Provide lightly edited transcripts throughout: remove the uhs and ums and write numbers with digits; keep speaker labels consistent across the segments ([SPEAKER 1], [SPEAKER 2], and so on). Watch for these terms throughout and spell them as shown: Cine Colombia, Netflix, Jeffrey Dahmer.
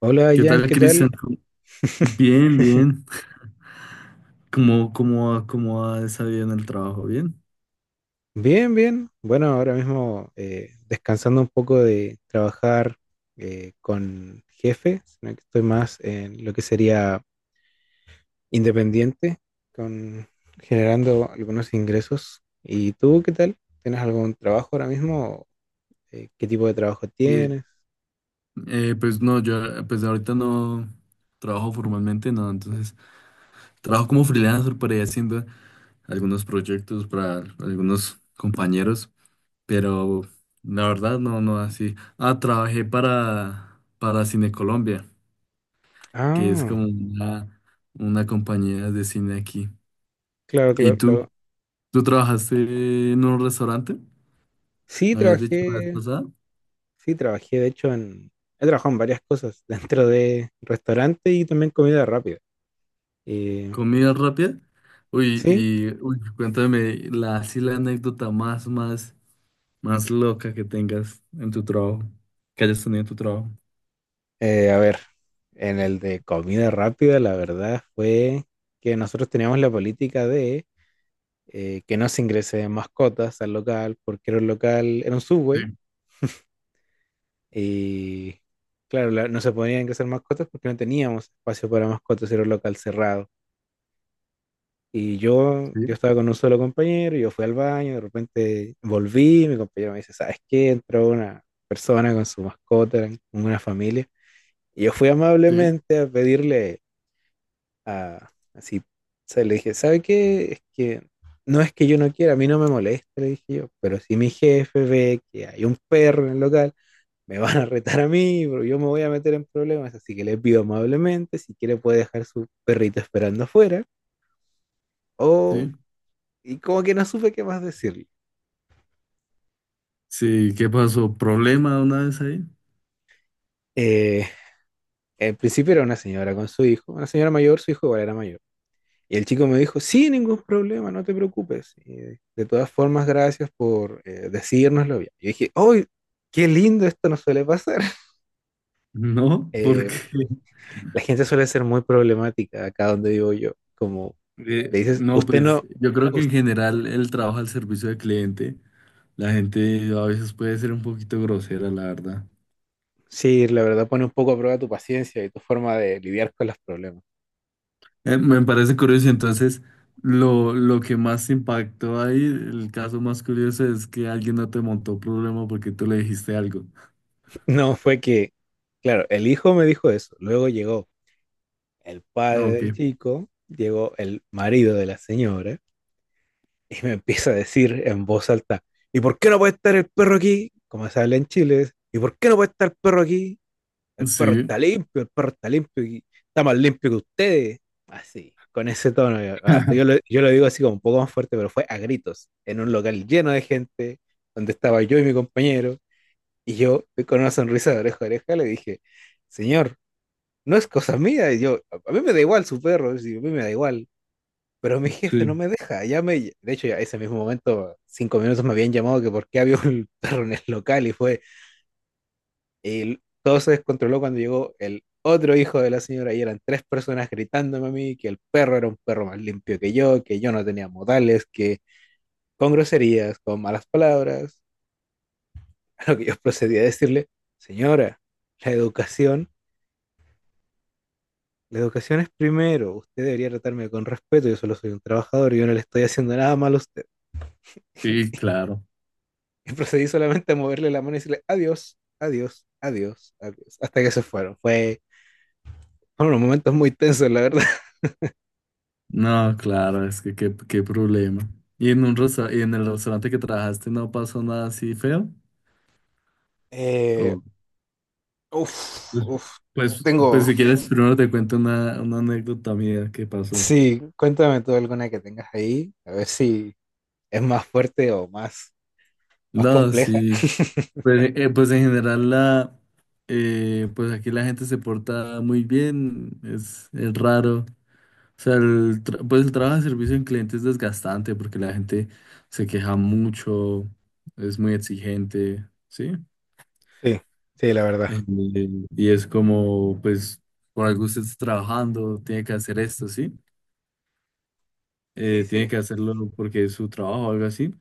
[SPEAKER 1] Hola
[SPEAKER 2] ¿Qué
[SPEAKER 1] Jan,
[SPEAKER 2] tal,
[SPEAKER 1] ¿qué tal?
[SPEAKER 2] Cristian? ¿Cómo- Bien, bien. ¿Cómo ha salido en el trabajo? ¿Bien?
[SPEAKER 1] Bien, bien. Bueno, ahora mismo descansando un poco de trabajar con jefe, sino que estoy más en lo que sería independiente, con generando algunos ingresos. ¿Y tú qué tal? ¿Tienes algún trabajo ahora mismo? ¿Qué tipo de trabajo
[SPEAKER 2] Sí,
[SPEAKER 1] tienes?
[SPEAKER 2] pues no, yo pues ahorita no trabajo formalmente, no, entonces trabajo como freelancer por ahí haciendo algunos proyectos para algunos compañeros, pero la verdad no, no así. Ah, trabajé para Cine Colombia, que es como
[SPEAKER 1] Ah,
[SPEAKER 2] una compañía de cine aquí.
[SPEAKER 1] claro,
[SPEAKER 2] ¿Y
[SPEAKER 1] claro,
[SPEAKER 2] tú?
[SPEAKER 1] claro.
[SPEAKER 2] ¿Tú trabajaste en un restaurante?
[SPEAKER 1] Sí,
[SPEAKER 2] ¿Me habías dicho la vez
[SPEAKER 1] trabajé,
[SPEAKER 2] pasada?
[SPEAKER 1] sí, trabajé, de hecho, en, he trabajado en varias cosas, dentro de restaurante y también comida rápida. Eh,
[SPEAKER 2] ¿Comida rápida? Uy,
[SPEAKER 1] Sí,
[SPEAKER 2] y uy, cuéntame la, así la anécdota más, más, más loca que tengas en tu trabajo, que hayas tenido en tu trabajo.
[SPEAKER 1] A ver, en el de comida rápida, la verdad fue que nosotros teníamos la política de que no se ingresen mascotas al local, porque era un local, era un
[SPEAKER 2] Sí,
[SPEAKER 1] Subway, y claro, no se podían ingresar mascotas porque no teníamos espacio para mascotas, era un local cerrado. Y yo,
[SPEAKER 2] sí,
[SPEAKER 1] yo estaba con un solo compañero, yo fui al baño, de repente volví, mi compañero me dice, ¿sabes qué? Entró una persona con su mascota, eran una familia. Y yo fui
[SPEAKER 2] sí,
[SPEAKER 1] amablemente a pedirle así. O sea, le dije, ¿sabe qué? Es que no es que yo no quiera, a mí no me molesta, le dije yo, pero si mi jefe ve que hay un perro en el local, me van a retar a mí, pero yo me voy a meter en problemas, así que le pido amablemente, si quiere puede dejar su perrito esperando afuera, o...
[SPEAKER 2] sí.
[SPEAKER 1] Y como que no supe qué más decirle.
[SPEAKER 2] Sí, ¿qué pasó? ¿Problema una vez ahí?
[SPEAKER 1] Eh, Al principio era una señora con su hijo, una señora mayor, su hijo igual era mayor. Y el chico me dijo, sí, ningún problema, no te preocupes. Y, de todas formas, gracias por decírnoslo bien. Yo dije, ¡ay, qué lindo! Esto no suele pasar.
[SPEAKER 2] No,
[SPEAKER 1] Eh,
[SPEAKER 2] porque
[SPEAKER 1] la gente suele ser muy problemática acá donde vivo yo. Como le dices,
[SPEAKER 2] no,
[SPEAKER 1] usted
[SPEAKER 2] pues
[SPEAKER 1] no,
[SPEAKER 2] yo creo que
[SPEAKER 1] us-
[SPEAKER 2] en general el trabajo al servicio del cliente, la gente a veces puede ser un poquito grosera, la verdad.
[SPEAKER 1] sí, la verdad pone un poco a prueba tu paciencia y tu forma de lidiar con los problemas.
[SPEAKER 2] Me parece curioso, entonces lo que más impactó ahí, el caso más curioso es que alguien no te montó problema porque tú le dijiste algo.
[SPEAKER 1] No, fue que, claro, el hijo me dijo eso. Luego llegó el padre
[SPEAKER 2] Ok,
[SPEAKER 1] del chico, llegó el marido de la señora. Y me empieza a decir en voz alta, ¿y por qué no puede estar el perro aquí? Como se habla en Chile, ¿y por qué no puede estar el perro aquí? El perro
[SPEAKER 2] sí,
[SPEAKER 1] está limpio, el perro está limpio y está más limpio que ustedes. Así, con ese tono. Yo, ah, yo lo digo así como un poco más fuerte, pero fue a gritos, en un local lleno de gente, donde estaba yo y mi compañero. Y yo, con una sonrisa de oreja a oreja, le dije, señor, no es cosa mía. Y yo, a mí me da igual su perro, y a mí me da igual. Pero mi jefe no
[SPEAKER 2] sí,
[SPEAKER 1] me deja, ya me, de hecho, ya ese mismo momento, cinco minutos me habían llamado que por qué había un perro en el local y y todo se descontroló cuando llegó el otro hijo de la señora y eran tres personas gritándome a mí que el perro era un perro más limpio que yo no tenía modales, que con groserías, con malas palabras, a lo que yo procedí a decirle, señora, la educación, la educación es primero, usted debería tratarme con respeto, yo solo soy un trabajador, yo no le estoy haciendo nada malo a usted.
[SPEAKER 2] y claro,
[SPEAKER 1] Y procedí solamente a moverle la mano y decirle adiós, adiós, adiós, adiós. Hasta que se fueron. Fueron unos momentos muy tensos, la verdad.
[SPEAKER 2] no, claro, es que qué, qué problema. ¿Y en un resta- y en el restaurante que trabajaste no pasó nada así feo?
[SPEAKER 1] Eh,
[SPEAKER 2] O-
[SPEAKER 1] Uf,
[SPEAKER 2] pues,
[SPEAKER 1] uf.
[SPEAKER 2] pues, pues
[SPEAKER 1] Tengo.
[SPEAKER 2] si quieres, primero te cuento una anécdota mía que pasó.
[SPEAKER 1] Sí, cuéntame tú alguna que tengas ahí. A ver si es más fuerte más
[SPEAKER 2] No,
[SPEAKER 1] compleja.
[SPEAKER 2] sí. Pues, pues en general la pues aquí la gente se porta muy bien, es raro. O sea, el tra- pues el trabajo de servicio en cliente es desgastante porque la gente se queja mucho, es muy exigente, ¿sí?
[SPEAKER 1] Sí, sí, la verdad.
[SPEAKER 2] Eh, y es como, pues, por algo usted está trabajando, tiene que hacer esto, ¿sí?
[SPEAKER 1] Sí,
[SPEAKER 2] Tiene
[SPEAKER 1] sí.
[SPEAKER 2] que hacerlo porque es su trabajo o algo así.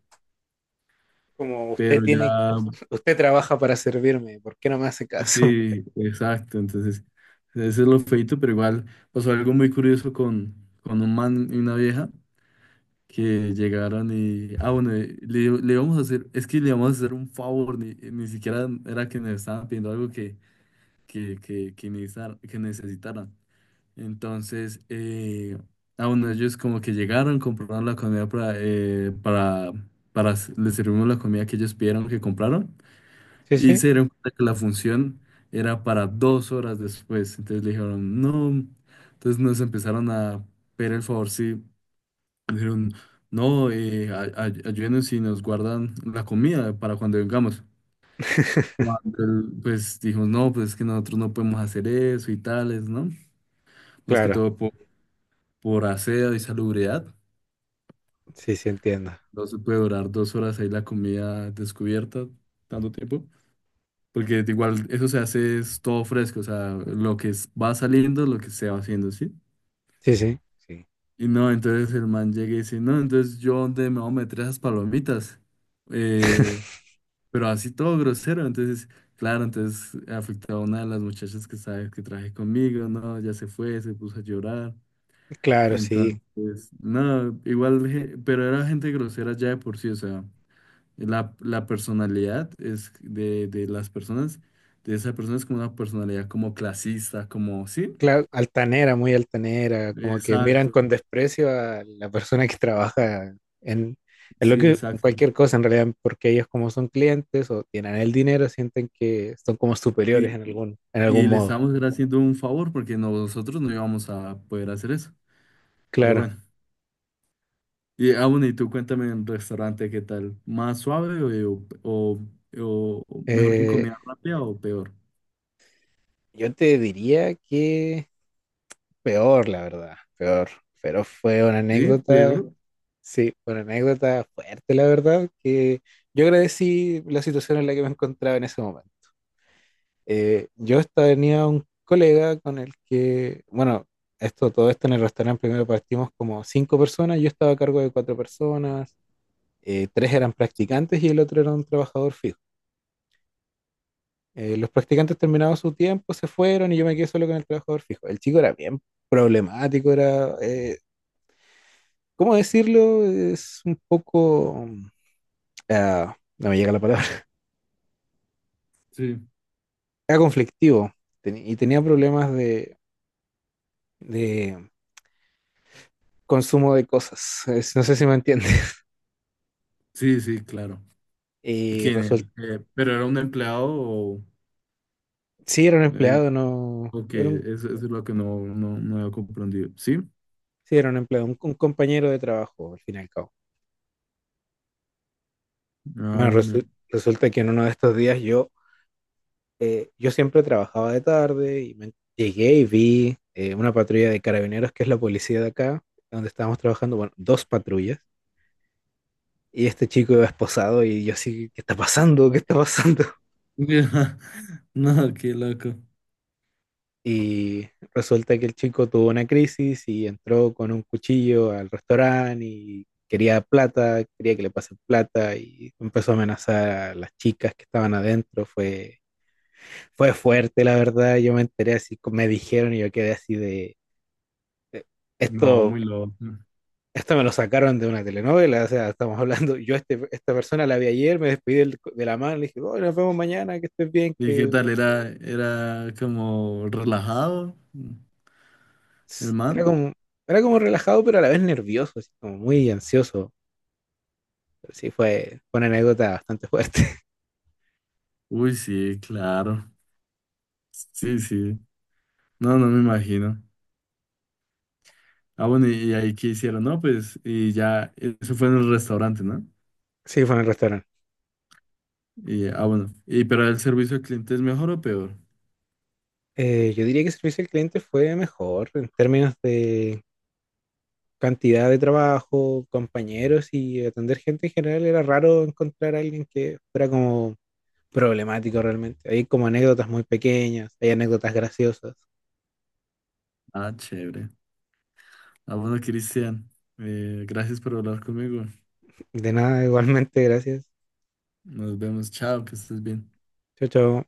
[SPEAKER 1] Como usted
[SPEAKER 2] Pero
[SPEAKER 1] tiene,
[SPEAKER 2] ya
[SPEAKER 1] usted trabaja para servirme, ¿por qué no me hace caso?
[SPEAKER 2] sí, exacto. Entonces, ese es lo feito, pero igual pasó algo muy curioso con un man y una vieja que llegaron y. Ah, bueno, le, le íbamos a hacer. Es que le íbamos a hacer un favor, ni, ni siquiera era que nos estaban pidiendo algo que que necesitaran. Entonces, ah, bueno, ellos como que llegaron, compraron la comida para, para. S- les servimos la comida que ellos pidieron que compraron.
[SPEAKER 1] Sí,
[SPEAKER 2] Y
[SPEAKER 1] sí.
[SPEAKER 2] se dieron cuenta que la función era para 2 horas después. Entonces le dijeron, no. Entonces nos empezaron a pedir el favor, sí. Dijeron, no, ayúdenos y nos guardan la comida para cuando vengamos. Cuando él, pues dijo, no, pues es que nosotros no podemos hacer eso y tales, ¿no? Más que
[SPEAKER 1] Claro,
[SPEAKER 2] todo por aseo y salubridad.
[SPEAKER 1] sí, sí, entiendo.
[SPEAKER 2] No se puede durar 2 horas ahí la comida descubierta, tanto tiempo. Porque igual eso se hace es todo fresco, o sea, lo que es- va saliendo, lo que se va haciendo, ¿sí?
[SPEAKER 1] Sí, sí, sí.
[SPEAKER 2] Y no, entonces el man llega y dice, no, entonces yo dónde me voy a meter esas palomitas. Eh, pero así todo grosero, entonces, claro, entonces afectó a una de las muchachas que sabes que traje conmigo, no, ya se fue, se puso a llorar.
[SPEAKER 1] Claro, sí.
[SPEAKER 2] Entonces, no, igual, je- pero era gente grosera ya de por sí, o sea. La personalidad es de las personas, de esa persona es como una personalidad como clasista, como, ¿sí?
[SPEAKER 1] Claro, altanera, muy altanera, como que miran
[SPEAKER 2] Exacto,
[SPEAKER 1] con desprecio a la persona que trabaja en, en lo
[SPEAKER 2] sí,
[SPEAKER 1] que en
[SPEAKER 2] exacto.
[SPEAKER 1] cualquier cosa en realidad, porque ellos como son clientes o tienen el dinero, sienten que son como superiores
[SPEAKER 2] Y, y
[SPEAKER 1] en
[SPEAKER 2] y
[SPEAKER 1] algún
[SPEAKER 2] le
[SPEAKER 1] modo.
[SPEAKER 2] estamos haciendo un favor porque no- nosotros no íbamos a poder hacer eso. Pero
[SPEAKER 1] Claro.
[SPEAKER 2] bueno. Y aún y tú cuéntame en restaurante, ¿qué tal? ¿Más suave o mejor que en
[SPEAKER 1] Eh,
[SPEAKER 2] comida rápida o peor?
[SPEAKER 1] yo te diría que peor, la verdad, peor. Pero fue una
[SPEAKER 2] Sí,
[SPEAKER 1] anécdota,
[SPEAKER 2] peor.
[SPEAKER 1] sí, fue una anécdota fuerte, la verdad, que yo agradecí la situación en la que me encontraba en ese momento. Yo tenía un colega con el que, bueno, esto, todo esto en el restaurante primero partimos como cinco personas, yo estaba a cargo de cuatro personas, tres eran practicantes y el otro era un trabajador fijo. Los practicantes terminaron su tiempo, se fueron y yo me quedé solo con el trabajador fijo. El chico era bien problemático, era, ¿cómo decirlo? Es un poco, ah, no me llega la palabra,
[SPEAKER 2] Sí,
[SPEAKER 1] era conflictivo y tenía problemas de consumo de cosas. Es- no sé si me entiende.
[SPEAKER 2] sí, sí, claro.
[SPEAKER 1] Y
[SPEAKER 2] ¿Quién?
[SPEAKER 1] resulta,
[SPEAKER 2] El, ¿pero era un empleado o...?
[SPEAKER 1] sí era un empleado, no,
[SPEAKER 2] Ok,
[SPEAKER 1] era un,
[SPEAKER 2] eso es lo que no, no, no había comprendido. ¿Sí?
[SPEAKER 1] sí era un empleado, un compañero de trabajo, al fin y al cabo.
[SPEAKER 2] Ah,
[SPEAKER 1] Bueno,
[SPEAKER 2] bueno.
[SPEAKER 1] resulta que en uno de estos días yo, yo siempre trabajaba de tarde y me llegué y vi una patrulla de carabineros, que es la policía de acá, donde estábamos trabajando, bueno, dos patrullas. Y este chico iba esposado y yo así, ¿qué está pasando? ¿Qué está pasando?
[SPEAKER 2] No, qué loco.
[SPEAKER 1] Y resulta que el chico tuvo una crisis y entró con un cuchillo al restaurante y quería plata, quería que le pasen plata y empezó a amenazar a las chicas que estaban adentro. Fue fuerte, la verdad. Yo me enteré así, me dijeron y yo quedé así de,
[SPEAKER 2] No,
[SPEAKER 1] esto,
[SPEAKER 2] muy loco.
[SPEAKER 1] esto me lo sacaron de una telenovela. O sea, estamos hablando, yo este, esta persona la vi ayer, me despedí de la mano, le dije, oh, nos vemos mañana, que estés bien,
[SPEAKER 2] ¿Y qué
[SPEAKER 1] que
[SPEAKER 2] tal? ¿Era, era como relajado el
[SPEAKER 1] era
[SPEAKER 2] man?
[SPEAKER 1] como, era como relajado, pero a la vez nervioso, así como muy ansioso. Pero sí, fue una anécdota bastante fuerte.
[SPEAKER 2] Uy, sí, claro. Sí, sí. No, no me imagino. Ah, bueno, y ahí qué hicieron? No, pues, y ya, eso fue en el restaurante, ¿no?
[SPEAKER 1] Sí, fue en el restaurante.
[SPEAKER 2] Y, ah, bueno. ¿Y pero el servicio al cliente es mejor o peor?
[SPEAKER 1] Yo diría que servicio al cliente fue mejor en términos de cantidad de trabajo, compañeros y atender gente en general. Era raro encontrar a alguien que fuera como problemático realmente. Hay como anécdotas muy pequeñas, hay anécdotas graciosas.
[SPEAKER 2] Ah, chévere. Ah, bueno, Cristian, gracias por hablar conmigo.
[SPEAKER 1] De nada, igualmente, gracias.
[SPEAKER 2] Nos vemos, chao, que estés bien.
[SPEAKER 1] Chao, chao.